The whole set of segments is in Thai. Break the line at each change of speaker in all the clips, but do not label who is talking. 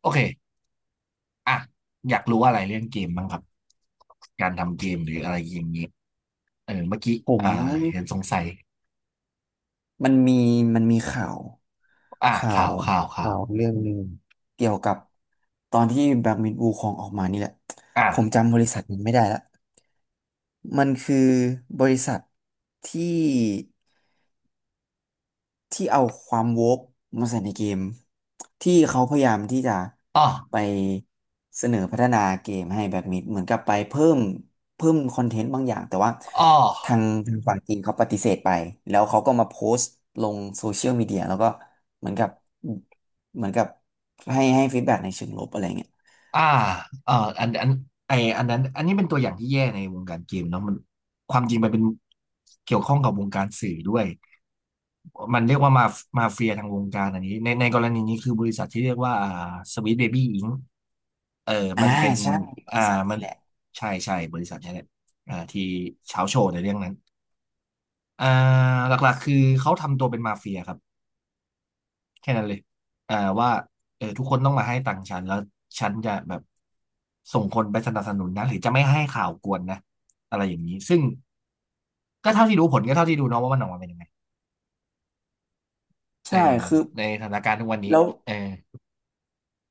โอเคอ่ะอยากรู้อะไรเรื่องเกมบ้างครับ การทำเกมหรืออะไรอย่างเงี้ยเออเมื่อกี้
ผม
อ่าเห็นสงสัย
มันมีมันมีข่าวข่า
ข่า
ว
วข่าวข่าว
เรื่องหนึ่งเกี่ยวกับตอนที่แบล็กมิดวูคองออกมานี่แหละผม
อ่า
จำบริษัทมันไม่ได้ละมันคือบริษัทที่ ที่เอาความโวกมาใส่ในเกมที่เขาพยายามที่จะ
อ๋อ
ไปเสนอพัฒนาเกมให้แบ็กมิดเหมือนกับไปเพิ่มเพิ่มคอนเทนต์บางอย่างแต่ว่า
อ๋
ทา
อ
งทางฝั่งจีนเขาปฏิเสธไปแล้วเขาก็มาโพสต์ลงโซเชียลมีเดียแล้วก็เหมือนกับเหมือนกับให้ฟีดแบ็กในเชิงลบอะไรเงี้ย
อ่าเอออันอันไออันนั้นอันนี้เป็นตัวอย่างที่แย่ในวงการเกมเนาะความจริงมันเป็นเกี่ยวข้องกับวงการสื่อด้วย มันเรียกว่ามาเฟียทางวงการอันนี้ในกรณีนี้คือบริษัทที่เรียกว่าสวีทเบบี้อิงเออ
อ่า
มันเป็น
ใช่บ
อ่า
ริษัท
มั
นี้
น
แหละ
ใช่บริษัทนี้แหละที่เช้าโชว์ในเรื่องนั้นอ่าหลักๆคือเขาทำตัวเป็นมาเฟียครับแค่นั้นเลยอ่าว่าเออทุกคนต้องมาให้ตังค์ฉันแล้วฉันจะแบบส่งคนไปสนับสนุนนะหรือจะไม่ให้ข่าวกวนนะอะไรอย่างนี้ซึ่งก็เท่าที่รู้ผลก็เท่าที่ดูเนาะว่ามันออกมาเป็นยังไงเออ
ใช่คือ
ในสถานการณ์ทุกวันนี้
แล้ว
เออ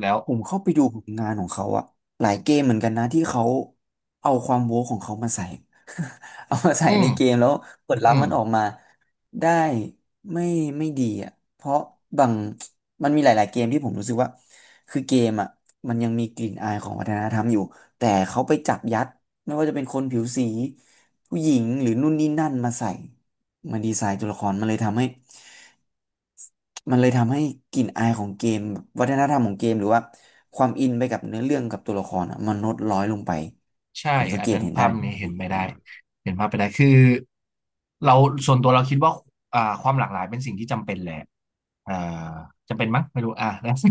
แล้ว
ผมเข้าไปดูผลงานของเขาอะหลายเกมเหมือนกันนะที่เขาเอาความโว้ของเขามาใส่ เอามาใส่
อื
ใน
ม
เกมแล้วผลลั
อื
พธ์
ม
มันออกมาได้ไม่ไม่ดีอ่ะเพราะบางมันมีหลายๆเกมที่ผมรู้สึกว่าคือเกมอ่ะมันยังมีกลิ่นอายของวัฒนธรรมอยู่แต่เขาไปจับยัดไม่ว่าจะเป็นคนผิวสีผู้หญิงหรือนู่นนี่นั่นมาใส่มาดีไซน์ตัวละครมันเลยทำให้กลิ่นอายของเกมวัฒนธรรมของเกมหรือว่าความอินไปกับเนื้อเรื่องกับตัวละครอ่ะมันลดน้อยลงไป
ใช่
ผมสัง
อัน
เกต
นั้น
เห็นได้
ภาพ
เหมื
นี้เห็น
อน
ไม่
กั
ได้
น
เห็นภาพไปได้ คือเราส่วนตัวเราคิดว่าความหลากหลายเป็นสิ่งที่จำเป็นแหละอ่าจำเป็นมั้งไม่รู้อ่านะ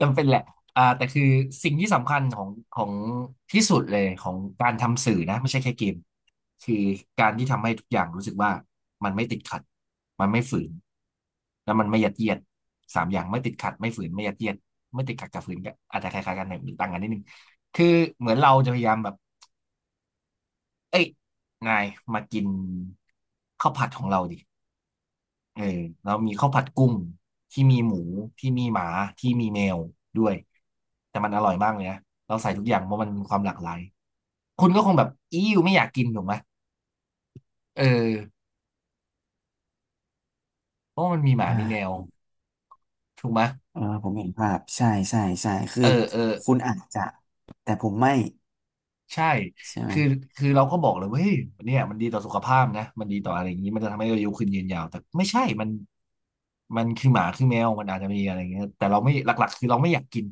จำเป็นแหละแต่คือสิ่งที่สำคัญของที่สุดเลยของการทำสื่อนะไม่ใช่แค่เกมคือการที่ทำให้ทุกอย่างรู้สึกว่ามันไม่ติดขัดมันไม่ฝืน แล้วมันไม่ยัดเยียดสามอย่างไม่ติดขัดไม่ฝืนไม่ยัดเยียดไม่ติดขัดกับฝืนก็อาจจะคล้ายๆกันหน่อยต่างกันนิดนึงคือเหมือนเราจะพยายามแบบเอ้ยนายมากินข้าวผัดของเราดิ เออแล้วมีข้าวผัดกุ้งที่มีหมูที่มีหมาที่มีแมวด้วยแต่มันอร่อยมากเลยนะเราใส่ทุกอย่างเพราะมันมีความหลากหลายคุณก็คงแบบอีอไม่อยากกินถูกไหมเออเพราะมันมีหมา
อ่
มีแมว
า
ถูกไหม
เออผมเห็นภาพใช่ใช่ใช่คื
เอ
อ
อเออ
คุณอาจจะแต่ผมไม่
ใช่
ใช่ไหม
คือคือเราก็บอกเลยว่าเฮ้ยเนี่ยมันดีต่อสุขภาพนะมันดีต่ออะไรอย่างนี้มันจะทำให้อายุขึ้นยืนยาวแต่ไม่ใช่มันคือหมาคือแมวมันอาจจะมีอะไรอย่างเงี้ยแต่เราไม่หลักๆคือเราไม่อยากกิน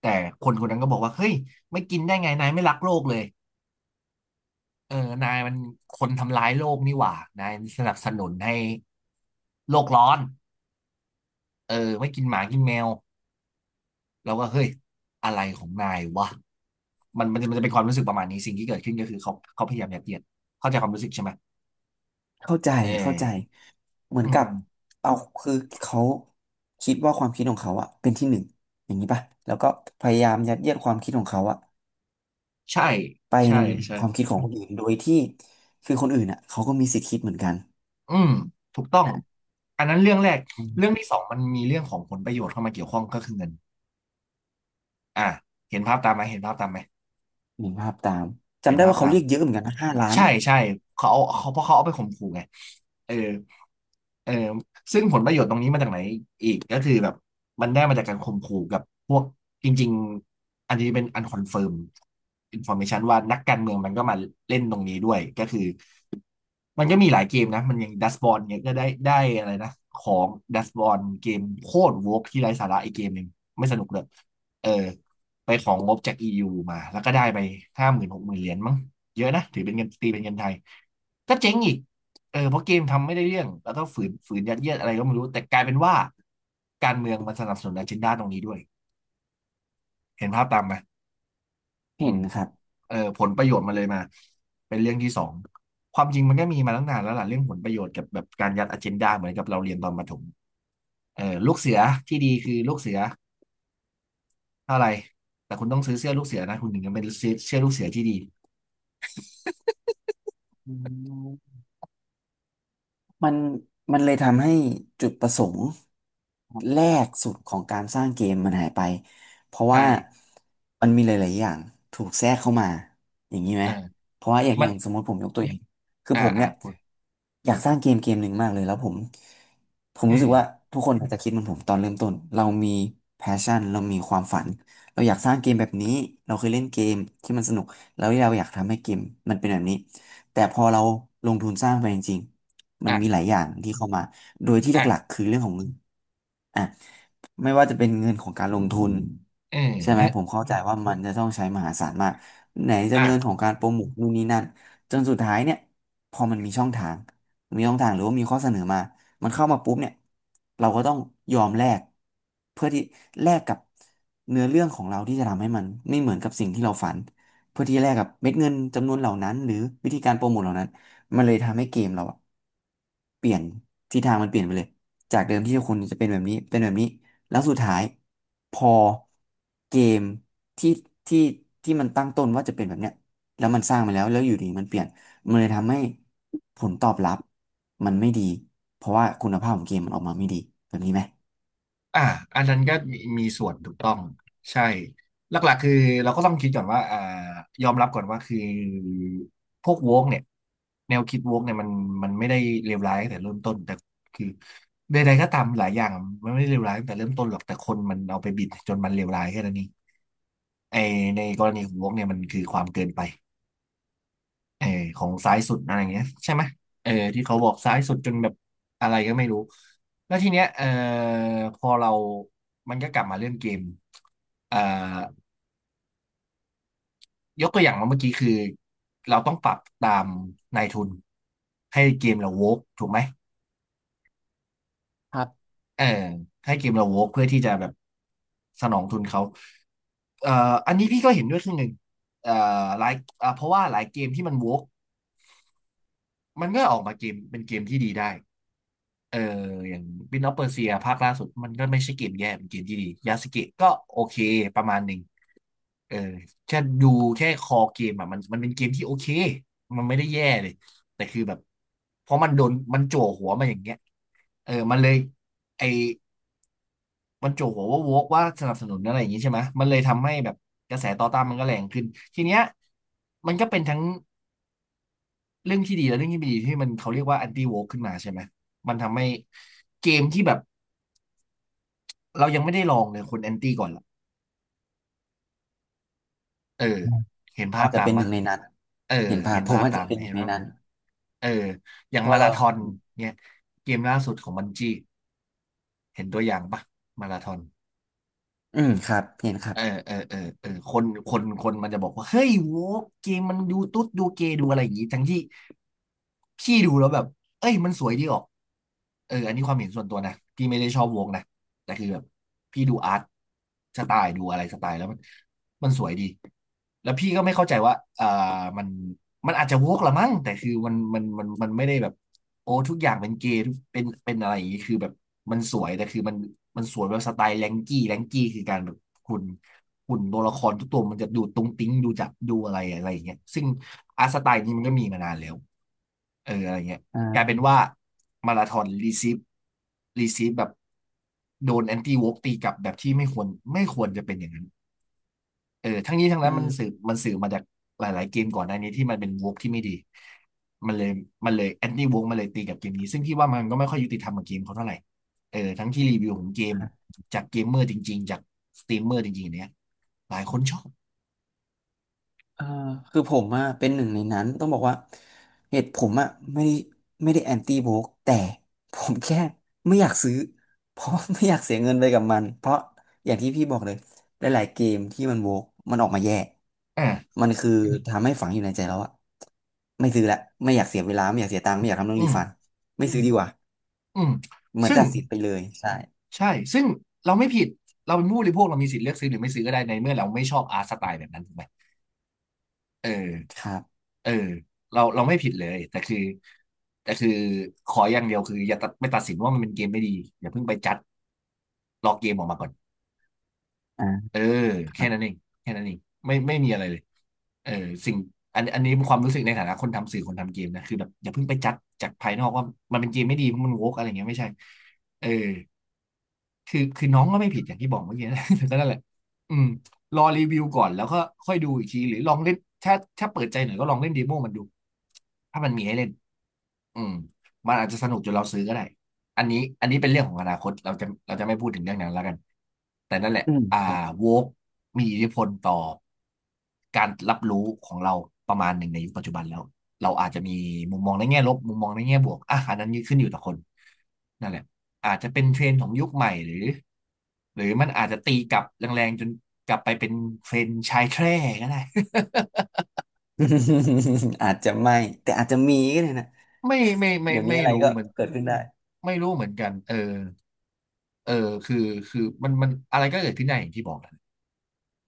แต่คนคนนั้นก็บอกว่าเฮ้ยไม่กินได้ไงนายไม่รักโลกเลย เออนายมันคนทำร้ายโลกนี่หว่า นายสนับสนุนให้โลกร้อนเออไม่กินหมากินแมวแล้วก็เฮ้ยอะไรของนายวะ มันจะเป็นความรู้สึกประมาณนี้สิ่งที่เกิดขึ้นก็คือเขาพยายามยัดเยียดเข้าใจความรู้สึกใช่ไหม
เข้าใจ
เออ
เข้าใจเหมือน
อื
กับ
ม
เอาคือเขาคิดว่าความคิดของเขาอะเป็นที่หนึ่งอย่างนี้ป่ะแล้วก็พยายามยัดเยียดความคิดของเขาอะ
ใช่
ไป
ใช่
ใน
ใช่
ความคิดของคนอื่นโดยที่คือคนอื่นอะเขาก็มีสิทธิ์คิดเหมือนกัน
อืมถูกต้องอันนั้นเรื่องแรก
อื
เรื่อง
ม
ที่สองมันมีเรื่องของผลประโยชน์เข้ามาเกี่ยวข้องก็คือเงินอ่ะเห็นภาพตามไหมเห็นภาพตามไหม
เห็นภาพตาม
เห็
จำ
น
ได้
ภาพ
ว่าเขา
ตาม
เรียกเยอะเหมือนกันนะ5 ล้าน
ใช่
ป่ะ
ใช่เขาเอาเขาเพราะเขาเอาไปข่มขู่ไงเออเออซึ่งผลประโยชน์ตรงนี้มาจากไหนอีกก็คือแบบมันได้มาจากการข่มขู่กับพวกจริงๆอันนี้เป็นอันคอนเฟิร์มอินฟอร์เมชันว่านักการเมืองมันก็มาเล่นตรงนี้ด้วยก็คือ มันก็มีหลายเกมนะมันอย่างดัสบอลเนี่ยก็ได้อะไรนะของดัสบอลเกมโคตรโวกที่ไร้สาระอีกเกมหนึ่งไม่สนุกเลยเออไปของงบจากอียูมาแล้วก็ได้ไปห้าหมื่นหกหมื่นเหรียญมั้งเยอะนะถือเป็นเงินตีเป็นเงินไทยก็เจ๊งอีกเออเพราะเกมทำไม่ได้เรื่องแล้วก็ฝืนยัดเยียดอะไรก็ไม่รู้แต่กลายเป็นว่าการเมืองมันสนับสนุนอเจนดาตรงนี้ด้วยเห็นภาพตามไหมอื
เห็น
ม
ครับ
เออผลประโยชน์มันเลยมาเป็นเรื่องที่สองความจริงมันก็มีมาตั้งนานแล้วล่ะเรื่องผลประโยชน์กับแบบการยัดอเจนดาเหมือนกับเราเรียนตอนประถมเออลูกเสือที่ดีคือลูกเสือเท่าไหร่แต่คุณต้องซื้อเสื้อลูกเสือนะคุณถึงจะเป็นเสื้อลูกเสือที่ดี
อืม มันมันเลยทำให้จุดประสงค์แรกสุดของการสร้างเกมมันหายไปเพราะ
ใช่
ว่ามันมีหลายๆอย่างถูกแทรกเข้ามาอย่างนี้ไหม
อ่า
เพราะว่าอย่างอ
มัน
ย่างสมมติผมยกตัวอย่างคือ
อ่า
ผม
อ่า
เนี่ย
คุณ
อยากสร้างเกมเกมหนึ่งมากเลยแล้วผม
เอ
รู้สึ
อ
กว่าทุกคนอาจจะคิดเหมือนผมตอนเริ่มต้นเรามี passion เรามีความฝันเราอยากสร้างเกมแบบนี้เราเคยเล่นเกมที่มันสนุกแล้วเราอยากทำให้เกมมันเป็นแบบนี้แต่พอเราลงทุนสร้างไปจริงๆ มันมี
อ่า
หลายอย่างที่เข้ามา โดยที่หลัก
อ่า
ๆคือเรื่องของเงินอ่ะ ไม่ว่าจะเป็นเงินของการลงทุน
เอ
ใช่ไหมผ
อ
มเข้าใจว่ามันจะต้องใช้มหาศาลมากไหนจะ
อ่า
เงินของการโปรโมทนู่นนี่นั่นจนสุดท้ายเนี่ยพอมันมีช่องทางมีช่องทางหรือว่ามีข้อเสนอมามันเข้ามาปุ๊บเนี่ยเราก็ต้องยอมแลกเพื่อที่แลกกับเนื้อเรื่องของเราที่จะทำให้มันไม่เหมือนกับสิ่งที่เราฝันเพื่อที่แลกกับเม็ดเงินจำนวนเหล่านั้นหรือวิธีการโปรโมทเหล่านั้นมันเลยทำให้เกมเราอะเปลี่ยนทิศทางมันเปลี่ยนไปเลยจากเดิมที่คนจะเป็นแบบนี้เป็นแบบนี้ แล้วสุดท้ายพอเกมที่ที่ที่มันตั้งต้นว่าจะเป็นแบบเนี้ยแล้วมันสร้างมาแล้วแล้วอยู่ดีมันเปลี่ยนมันเลยทำให้ผลตอบรับมันไม่ดีเพราะว่าคุณภาพของเกมมันออกมาไม่ดีแบบนี้ไหม
อ่าอันนั้นก็มีส่วนถูกต้องใช่หลักๆคือเราก็ต้องคิดก่อนว่ายอมรับก่อนว่าคือพวกโวกเนี่ยแนวคิดโวกเนี่ยมันไม่ได้เลวร้ายตั้งแต่เริ่มต้นแต่คือใดๆก็ตามหลายอย่างมันไม่ได้เลวร้ายตั้งแต่เริ่มต้นหรอกแต่คนมันเอาไปบิดจนมันเลวร้ายแค่นั้นเองไอในกรณีของโวกเนี่ยมันคือความเกินไปเออของซ้ายสุดอะไรอย่างเงี้ยใช่ไหมเออที่เขาบอกซ้ายสุดจนแบบอะไรก็ไม่รู้ แล้วทีเนี้ยพอเรามันก็กลับมาเรื่องเกมเอ่อยกตัวอย่างมาเมื่อกี้คือ เราต้องปรับตามนายทุนให้เกมเราโวกถูกไหม
ครับ
เออให้เกมเราโวกเพื่อที่จะแบบสนองทุนเขาเอ่ออันนี้พี่ก็เห็นด้วยครึ่งหนึ่งเอ่อหลายเพราะว่าหลายเกมที่มันโวกมันก็ออกมาเกมเป็นเกมที่ดีได้เอออย่างบินออฟเปอร์เซียภาคล่าสุดมันก็ไม่ใช่เกมแย่เป็นเกมที่ดียาสเกะก็โอเคประมาณหนึ่ง เออแค่ดูแค่คอเกมอ่ะมันเป็นเกมที่โอเคมันไม่ได้แย่เลยแต่คือแบบเพราะโดนมันจั่วหัวมาอย่างเงี้ยเออมันเลยไอมันจั่วหัวว่าโวกว่าสนับสนุนอะไรอย่างงี้ใช่ไหมมันเลยทำให้แบบกระแสต่อต้านมันก็แรงขึ้นทีเนี้ยมันก็เป็นทั้งเรื่องที่ดีและเรื่องที่ไม่ดีที่มันเขาเรียกว่าแอนตี้โวกขึ้นมาใช่ไหมมันทำให้เกมที่แบบเรายังไม่ได้ลองเลยคนแอนตี้ก่อนละเออ
อืม
เห็นภา
ว่า
พ
จจะ
ตา
เป็
ม
นหนึ่
มะ
งในนั้น
เออ
เห็นภา
เห็
พ
น
ผม
ภาพ
อาจ
ตา
จะ
มไห
เป็
ม
นหนึ่
เห็
ง
น
ใน
ภาพตา
นั้น
ม เอออย่า
เพ
ง
ราะ
มา
ว่า
รา
เรา
ธอนเนี่ยเกมล่าสุดของบันจี้เห็นตัวอย่างปะมาราธอน
อืมครับเห็นครับ
เออคนมันจะบอกว่าเฮ้ยโว้เกมมันดูตุ๊ดดูเกย์ดูอะไรอย่างงี้ทั้งที่พี่ดูแล้วแบบเอ้ยมันสวยดีออกเอออันนี้ความเห็นส่วนตัวนะพี่ไม่ได้ชอบวงนะ แต่คือแบบพี่ดูอาร์ตสไตล์ดูอะไรสไตล์แล้วมันสวยดีแล้วพี่ก็ไม่เข้าใจว่ามันมันอาจจะวกละมั้งแต่คือมันไม่ได้แบบโอ้ทุกอย่างเป็นเกย์เป็นอะไรอย่างนี้คือแบบมันสวยแต่คือมันสวยแบบสไตล์แรงกี้คือการแบบคุณคุ่นตัวละครทุกตัวมันจะดูตุ้งติ้งดูจับดูอะไรอะไรอย่างเงี้ยซึ่งอาร์ตสไตล์นี้มันก็มีมานานแล้วเอออะไรเงี้ย กลายเป็
อ่า
นว่ามาราธอนรีซีฟแบบโดนแอนตี้วอล์กตีกลับแบบที่ไม่ควรจะเป็นอย่างนั้นเออทั้งนี้ทั้ง
อื
นั้น
ม
มันสื่อมาจากหลายๆเกมก่อนหน้านี้ที่มันเป็นวอล์กที่ไม่ดีมันเลยมันเลยแอนตี้วอล์กมันเลยตีกับเกมนี้ซึ่งพี่ว่ามันก็ไม่ค่อยยุติธรรมกับเกมเขาเท่าไหร่เออทั้งที่รีวิวของเกมจากเกมเมอร์จริงๆ จากสตรีมเมอร์จริงๆเนี้ยหลายคนชอบ
เออคือผมอะเป็นหนึ่งในนั้นต้องบอกว่าเหตุผมอะไม่ได้ไม่ได้แอนตี้โบกแต่ผมแค่ไม่อยากซื้อเพราะว่าไม่อยากเสียเงินไปกับมันเพราะอย่างที่พี่บอกเลยหลายๆเกมที่มันโบกมันออกมาแย่
อ่า
มันคือทำให้ฝังอยู่ในใจแล้วอะไม่ซื้อละไม่อยากเสียเวลาไม่อยากเสียตังค์ไม่อยากทำเรื่อง
อื
รี
ม
ฟันไม่ซื้อดีกว่า
อืม
เหมือน
ซึ่ง
ตัดสิทธินไปเลยใช่
ใช่ ซึ่งเราไม่ผิด เราเป็นผู้บริโภคเรามีสิทธิ์เลือกซื้อหรือไม่ซื้อก็ได้ในเมื่อเราไม่ชอบอาร์ตสไตล์แบบนั้นถูกไหมเออ
ครับ
เออเราไม่ผิดเลย แต่คือขออย่างเดียวคืออย่าตัดสินว่ามันเป็นเกมไม่ดีอย่าเพิ่งไปจัดรอเกมออกมาก่อน
อ่า
เออ
ครั
แค่นั้นเอ
บ
งแค่นั้นเองไม่มีอะไรเลยเออสิ่งอันนี้ความรู้สึกในฐานะคนทำสื่อคนทำเกมนะคือแบบอย่าเพิ่งไปจัดจากภายนอกว่ามันเป็นเกมไม่ดีเพราะมันโวกอะไรเงี้ยไม่ใช่เออ คือน้องก็ไม่ผิดอย่างที่บอกเมื่อกี้นะ แต่ก็นั่นแหละอืมรอรีวิวก่อนแล้วก็ค่อยดูอีกทีหรือลองเล่นถ้าถ้าเปิดใจหน่อยก็ลองเล่นเดโมมันดูถ้ามันมีให้เล่นอืมมันอาจจะสนุกจนเราซื้อก็ได้อันนี้เป็นเรื่องของอนาคตเราจะไม่พูดถึงเรื่องนั้นแล้วกันแต่นั่นแหละ
อืม
อ่า
ครับ
โวกมีอิทธิพลต่อการรับรู้ของเราประมาณหนึ่งในยุคปัจจุบันแล้วเราอาจจะมีมุมมองในแง่ลบมุมมองในแง่บวกอ่ะอันนั้นขึ้นอยู่ต่อคน นั่นแหละอาจจะเป็นเทรนด์ของยุคใหม่หรือมันอาจจะตีกลับแรงๆจนกลับไปเป็นเทรนด์ชายแคร่ก็ได้
อาจจะไม่แต่อาจจะมีก็ได้นะ
ไม่ไม่ไม่
เดี๋ยวนี้
ไม่
อะไร
รู้
ก็
เหมือน
เกิดขึ้นได้
ไม่รู้เหมือนกันเออคือมันอะไรก็เกิดขึ้นได้อย่างที่บอกแหละ